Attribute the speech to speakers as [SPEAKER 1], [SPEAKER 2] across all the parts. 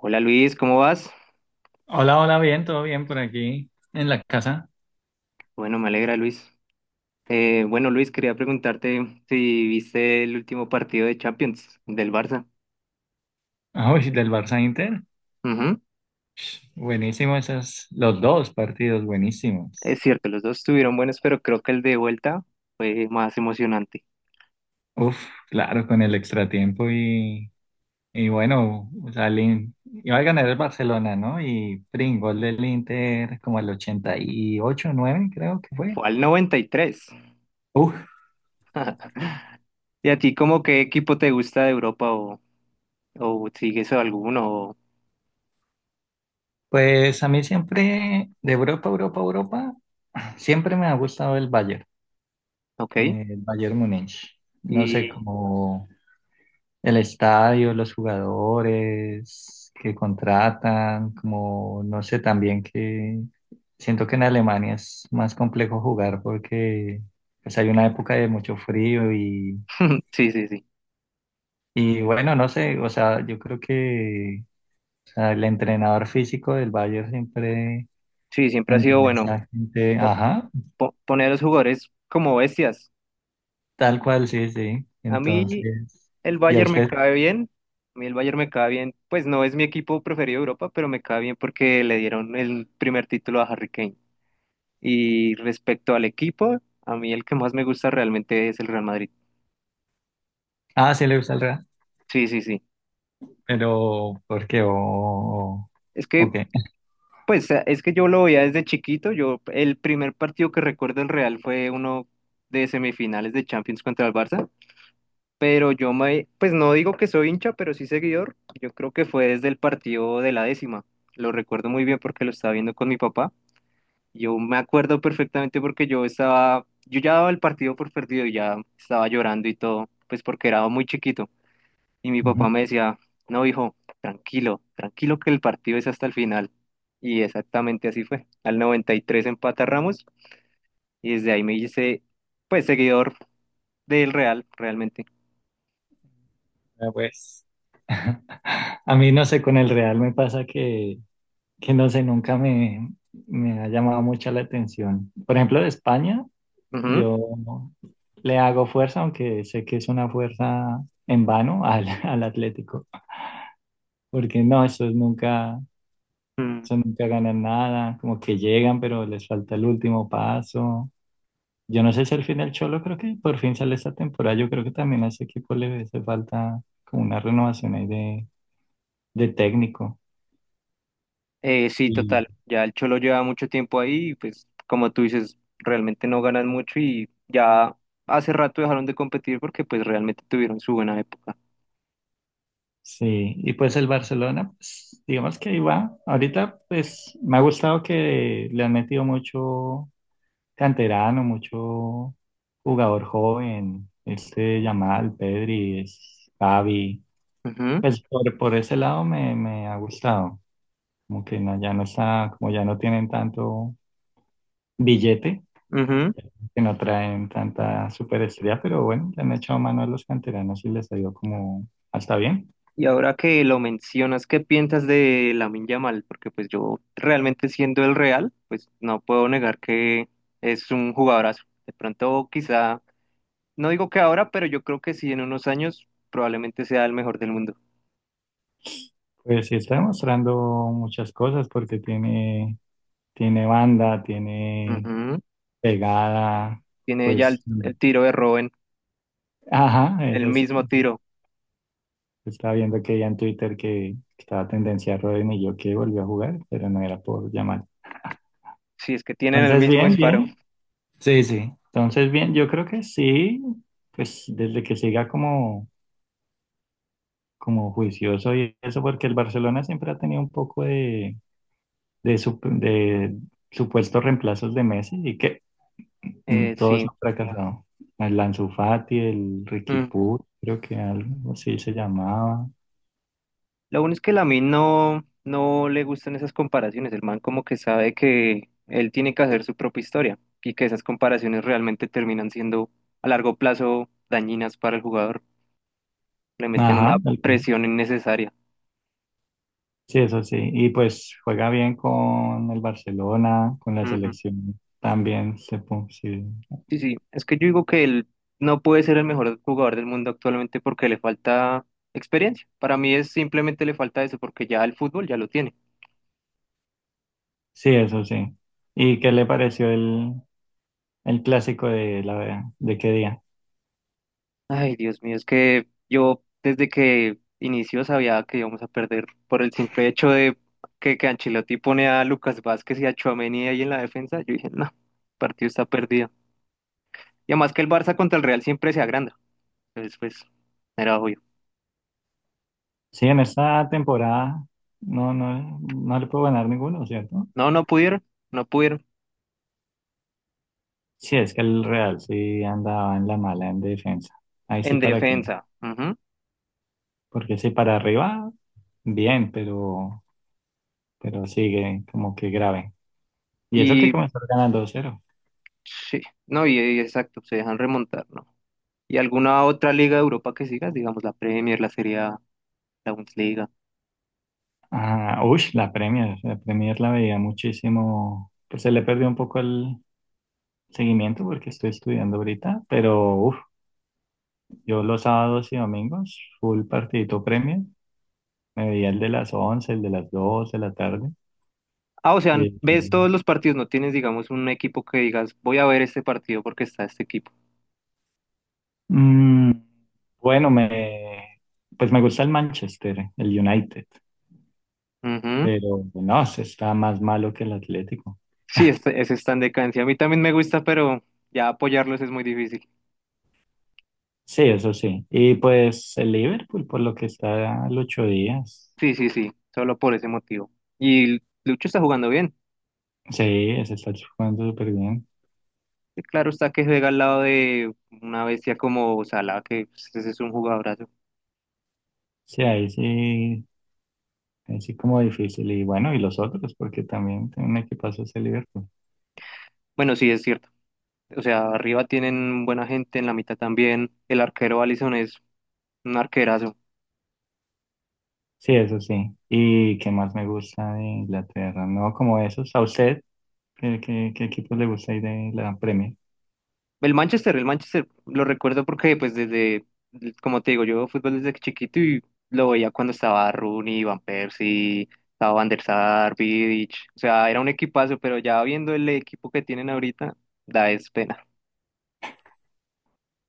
[SPEAKER 1] Hola Luis, ¿cómo vas?
[SPEAKER 2] Hola, hola, bien, todo bien por aquí en la casa.
[SPEAKER 1] Bueno, me alegra Luis. Bueno Luis, quería preguntarte si viste el último partido de Champions del Barça.
[SPEAKER 2] Ah, uy, del Barça Inter.
[SPEAKER 1] Ujú.
[SPEAKER 2] Buenísimo esos, los dos partidos,
[SPEAKER 1] Es
[SPEAKER 2] buenísimos.
[SPEAKER 1] cierto, los dos estuvieron buenos, pero creo que el de vuelta fue más emocionante.
[SPEAKER 2] Uf, claro, con el extratiempo y bueno, o sea, iba a ganar el Barcelona, ¿no? Gol del Inter como el 88, 89 creo que fue.
[SPEAKER 1] Fue al 93. ¿Y tres.
[SPEAKER 2] Uf,
[SPEAKER 1] ¿Y a ti como qué equipo te gusta de Europa o sigues a alguno? O-
[SPEAKER 2] pues a mí siempre, de Europa, Europa, Europa, siempre me ha gustado
[SPEAKER 1] Ok.
[SPEAKER 2] el Bayern Múnich. No sé
[SPEAKER 1] Y
[SPEAKER 2] cómo. El estadio, los jugadores que contratan, como no sé, también que siento que en Alemania es más complejo jugar porque pues, hay una época de mucho frío y,
[SPEAKER 1] sí, sí, sí.
[SPEAKER 2] y bueno, no sé, o sea, yo creo que o sea, el entrenador físico del Bayern siempre
[SPEAKER 1] Sí, siempre ha sido
[SPEAKER 2] mantiene a
[SPEAKER 1] bueno
[SPEAKER 2] esa gente,
[SPEAKER 1] po-
[SPEAKER 2] ajá,
[SPEAKER 1] poner a los jugadores como bestias.
[SPEAKER 2] tal cual, sí, sí.
[SPEAKER 1] A mí
[SPEAKER 2] Entonces,
[SPEAKER 1] El
[SPEAKER 2] ¿y a
[SPEAKER 1] Bayern me
[SPEAKER 2] usted?
[SPEAKER 1] cae bien. A mí el Bayern me cae bien. Pues no es mi equipo preferido de Europa, pero me cae bien porque le dieron el primer título a Harry Kane. Y respecto al equipo, a mí el que más me gusta realmente es el Real Madrid.
[SPEAKER 2] Ah, sí le gusta el Real,
[SPEAKER 1] Sí, sí, sí.
[SPEAKER 2] pero ¿por qué?
[SPEAKER 1] Es
[SPEAKER 2] ¿O
[SPEAKER 1] que,
[SPEAKER 2] qué?
[SPEAKER 1] pues, es que yo lo veía desde chiquito. Yo, el primer partido que recuerdo del Real fue uno de semifinales de Champions contra el Barça. Pero pues no digo que soy hincha, pero sí seguidor. Yo creo que fue desde el partido de la décima. Lo recuerdo muy bien porque lo estaba viendo con mi papá. Yo me acuerdo perfectamente porque yo estaba, yo ya daba el partido por perdido y ya estaba llorando y todo, pues porque era muy chiquito. Y mi papá
[SPEAKER 2] Ujú.
[SPEAKER 1] me decía, no, hijo, tranquilo, tranquilo que el partido es hasta el final. Y exactamente así fue. Al 93 empata Ramos y desde ahí me hice, pues, seguidor del Real, realmente.
[SPEAKER 2] Ah, pues a mí no sé, con el Real me pasa que no sé, nunca me ha llamado mucho la atención. Por ejemplo, de España,
[SPEAKER 1] Ujú.
[SPEAKER 2] yo le hago fuerza, aunque sé que es una fuerza en vano al Atlético, porque no, esos nunca,
[SPEAKER 1] Mm.
[SPEAKER 2] esos nunca ganan nada, como que llegan, pero les falta el último paso. Yo no sé si al final Cholo creo que por fin sale esta temporada, yo creo que también a ese equipo le hace falta como una renovación ahí de técnico.
[SPEAKER 1] Sí, total. Ya el Cholo lleva mucho tiempo ahí y pues como tú dices, realmente no ganan mucho y ya hace rato dejaron de competir porque pues realmente tuvieron su buena época.
[SPEAKER 2] Sí, y pues el Barcelona, pues, digamos que ahí va. Ahorita, pues me ha gustado que le han metido mucho canterano, mucho jugador joven, este Yamal, Pedri, Gavi. Pues por ese lado me ha gustado. Como que ya no está, como ya no tienen tanto billete,
[SPEAKER 1] Ujú, ujú.
[SPEAKER 2] que no traen tanta superestrella, pero bueno, le han echado mano a los canteranos y les ha ido como hasta bien.
[SPEAKER 1] Y ahora que lo mencionas, ¿qué piensas de Lamine Yamal? Porque pues yo realmente siendo el Real, pues no puedo negar que es un jugadorazo. De pronto quizá, no digo que ahora, pero yo creo que sí en unos años probablemente sea el mejor del mundo.
[SPEAKER 2] Pues sí está demostrando muchas cosas porque tiene, tiene banda, tiene
[SPEAKER 1] Ujú.
[SPEAKER 2] pegada,
[SPEAKER 1] Tiene ya
[SPEAKER 2] pues,
[SPEAKER 1] el tiro de Robben,
[SPEAKER 2] ajá,
[SPEAKER 1] el
[SPEAKER 2] eso
[SPEAKER 1] mismo tiro.
[SPEAKER 2] estaba viendo que ya en Twitter que estaba tendencia a Rodri y yo que volvió a jugar, pero no era por llamar.
[SPEAKER 1] Sí, es que tienen el
[SPEAKER 2] Entonces,
[SPEAKER 1] mismo
[SPEAKER 2] bien,
[SPEAKER 1] disparo.
[SPEAKER 2] bien. Sí, sí. Entonces, bien, yo creo que sí, pues desde que siga como juicioso y eso, porque el Barcelona siempre ha tenido un poco de supuestos reemplazos de Messi y que Todos
[SPEAKER 1] Sí.
[SPEAKER 2] han fracasado. El Ansu Fati, el Ricky
[SPEAKER 1] Mm.
[SPEAKER 2] Puig, creo que algo así se llamaba.
[SPEAKER 1] Lo bueno es que a mí no le gustan esas comparaciones. El man como que sabe que él tiene que hacer su propia historia y que esas comparaciones realmente terminan siendo a largo plazo dañinas para el jugador. Le meten una
[SPEAKER 2] Ajá, tal cual.
[SPEAKER 1] presión innecesaria.
[SPEAKER 2] Sí, eso sí. Y pues juega bien con el Barcelona, con la
[SPEAKER 1] Ujú.
[SPEAKER 2] selección. También sí.
[SPEAKER 1] Sí, sí. Es que yo digo que él no puede ser el mejor jugador del mundo actualmente porque le falta experiencia. Para mí es simplemente le falta eso porque ya el fútbol ya lo tiene.
[SPEAKER 2] Sí, eso sí. ¿Y qué le pareció el clásico de la de qué día?
[SPEAKER 1] Ay, Dios mío, es que yo desde que inició sabía que íbamos a perder por el simple hecho de que Ancelotti pone a Lucas Vázquez y a Tchouaméni ahí en la defensa. Yo dije, no, el partido está perdido. Y además que el Barça contra el Real siempre se agranda. Entonces, pues, era obvio.
[SPEAKER 2] Sí, en esta temporada no, no, no le puedo ganar ninguno, ¿cierto?
[SPEAKER 1] No, no pudieron, no pudieron.
[SPEAKER 2] Sí, es que el Real sí andaba en la mala en defensa. Ahí sí
[SPEAKER 1] En
[SPEAKER 2] para qué.
[SPEAKER 1] defensa, ujú.
[SPEAKER 2] Porque si para arriba, bien, pero sigue como que grave. Y eso que
[SPEAKER 1] Y
[SPEAKER 2] comenzó ganando cero 0.
[SPEAKER 1] sí, no, y exacto, se dejan remontar, ¿no? ¿Y alguna otra liga de Europa que sigas? Digamos, la Premier, la Serie A, la Bundesliga.
[SPEAKER 2] Ah, uy, la Premier, la Premier la veía muchísimo. Pues se le perdió un poco el seguimiento porque estoy estudiando ahorita, pero uf, yo los sábados y domingos, full partidito Premier, me veía el de las 11 el de las 2 de la tarde.
[SPEAKER 1] Ah, o sea,
[SPEAKER 2] Y,
[SPEAKER 1] ves todos los partidos, no tienes, digamos, un equipo que digas, voy a ver este partido porque está este equipo.
[SPEAKER 2] mm, bueno, pues me gusta el Manchester, el United.
[SPEAKER 1] Ujú.
[SPEAKER 2] Pero no, se está más malo que el Atlético.
[SPEAKER 1] Sí, este- ese está en decadencia. A mí también me gusta, pero ya apoyarlos es muy difícil.
[SPEAKER 2] Sí, eso sí. Y pues el Liverpool, por lo que está al ocho días.
[SPEAKER 1] Sí, sí, sí, solo por ese motivo. Y Lucho está jugando bien.
[SPEAKER 2] Sí, se está jugando súper bien.
[SPEAKER 1] Y claro está que juega al lado de una bestia como Salah, que pues, ese es un jugadorazo.
[SPEAKER 2] Sí, ahí sí, ahí sí como difícil. Y bueno, y los otros, porque también tiene un equipazo ese Liverpool.
[SPEAKER 1] Bueno, sí, es cierto. O sea, arriba tienen buena gente, en la mitad también. El arquero Alisson es un arquerazo.
[SPEAKER 2] Sí, eso sí. ¿Y qué más me gusta de Inglaterra? No, como esos. ¿A usted qué equipo le gusta ahí de la Premier?
[SPEAKER 1] El Manchester, lo recuerdo porque, pues, desde, como te digo, yo veo fútbol desde chiquito y lo veía cuando estaba Rooney, Van Persie, estaba Van der Sar, Vidic, o sea, era un equipazo, pero ya viendo el equipo que tienen ahorita, da es pena.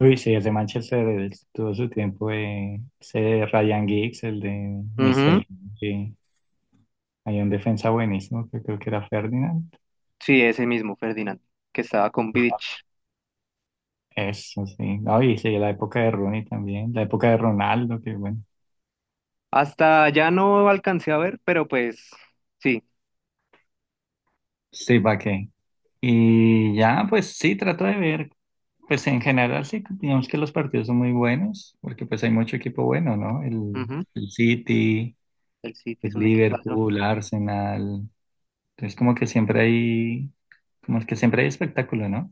[SPEAKER 2] Uy, sí, el de Manchester, todo su tiempo, ese Ryan Giggs, el de
[SPEAKER 1] Ujú.
[SPEAKER 2] Mr. Hay un defensa buenísimo que creo que era Ferdinand.
[SPEAKER 1] Sí, ese mismo, Ferdinand, que estaba con Vidic.
[SPEAKER 2] Eso sí. No, y sí, la época de Rooney también, la época de Ronaldo, que bueno.
[SPEAKER 1] Hasta ya no alcancé a ver, pero pues, sí,
[SPEAKER 2] Sí, ¿para qué? Y ya, pues sí, trato de ver. Pues en general sí, digamos que los partidos son muy buenos, porque pues hay mucho equipo bueno, ¿no? El,
[SPEAKER 1] ujú.
[SPEAKER 2] el City,
[SPEAKER 1] El City
[SPEAKER 2] el
[SPEAKER 1] es un equipazo.
[SPEAKER 2] Liverpool, Arsenal. Entonces como que siempre hay, como es que siempre hay espectáculo, ¿no?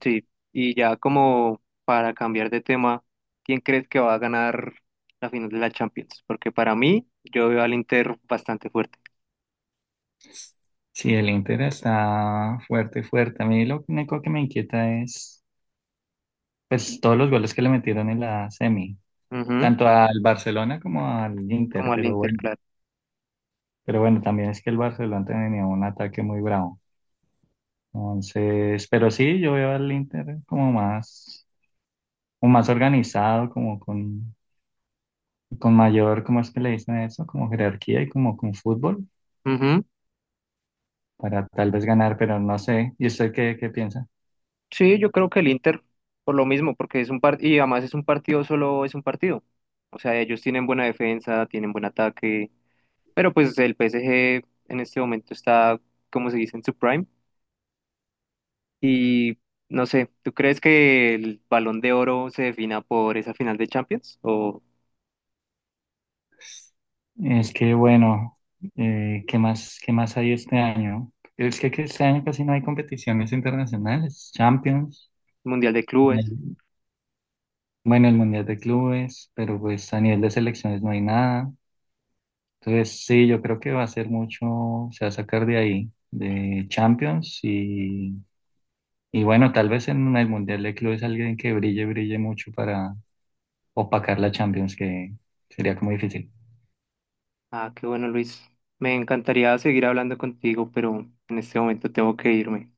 [SPEAKER 1] Sí, y ya como para cambiar de tema, ¿quién crees que va a ganar la final de la Champions? Porque para mí, yo veo al Inter bastante fuerte.
[SPEAKER 2] Sí, el Inter está fuerte, fuerte. A mí lo único que me inquieta es pues todos los goles que le metieron en la semi,
[SPEAKER 1] Ujú.
[SPEAKER 2] tanto al Barcelona como al Inter,
[SPEAKER 1] Como al
[SPEAKER 2] pero
[SPEAKER 1] Inter,
[SPEAKER 2] bueno,
[SPEAKER 1] claro.
[SPEAKER 2] también es que el Barcelona tenía un ataque muy bravo. Entonces, pero sí, yo veo al Inter como más organizado, como con mayor, ¿cómo es que le dicen eso? Como jerarquía y como con fútbol
[SPEAKER 1] Ujú.
[SPEAKER 2] para tal vez ganar, pero no sé. ¿Y usted qué piensa?
[SPEAKER 1] Sí, yo creo que el Inter, por lo mismo, porque es un partido, y además es un partido, solo es un partido. O sea, ellos tienen buena defensa, tienen buen ataque, pero pues el PSG en este momento está, como se dice, en su prime. Y no sé, ¿tú crees que el Balón de Oro se defina por esa final de Champions? ¿O
[SPEAKER 2] Es que bueno, ¿qué más hay este año? Es que este año casi no hay competiciones internacionales, Champions.
[SPEAKER 1] Mundial de Clubes.
[SPEAKER 2] Bueno, el Mundial de Clubes, pero pues a nivel de selecciones no hay nada. Entonces, sí, yo creo que va a ser mucho, se va a sacar de ahí, de Champions y bueno, tal vez en el Mundial de Clubes alguien que brille, brille mucho para opacar la Champions, que sería como difícil.
[SPEAKER 1] Ah, qué bueno, Luis. Me encantaría seguir hablando contigo, pero en este momento tengo que irme.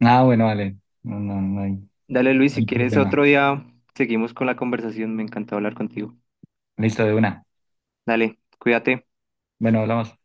[SPEAKER 2] Ah, bueno, vale, no, no, no hay, no
[SPEAKER 1] Dale, Luis, si
[SPEAKER 2] hay
[SPEAKER 1] quieres otro
[SPEAKER 2] problema.
[SPEAKER 1] día, seguimos con la conversación. Me encantó hablar contigo.
[SPEAKER 2] Listo, de una.
[SPEAKER 1] Dale, cuídate.
[SPEAKER 2] Bueno, hablamos.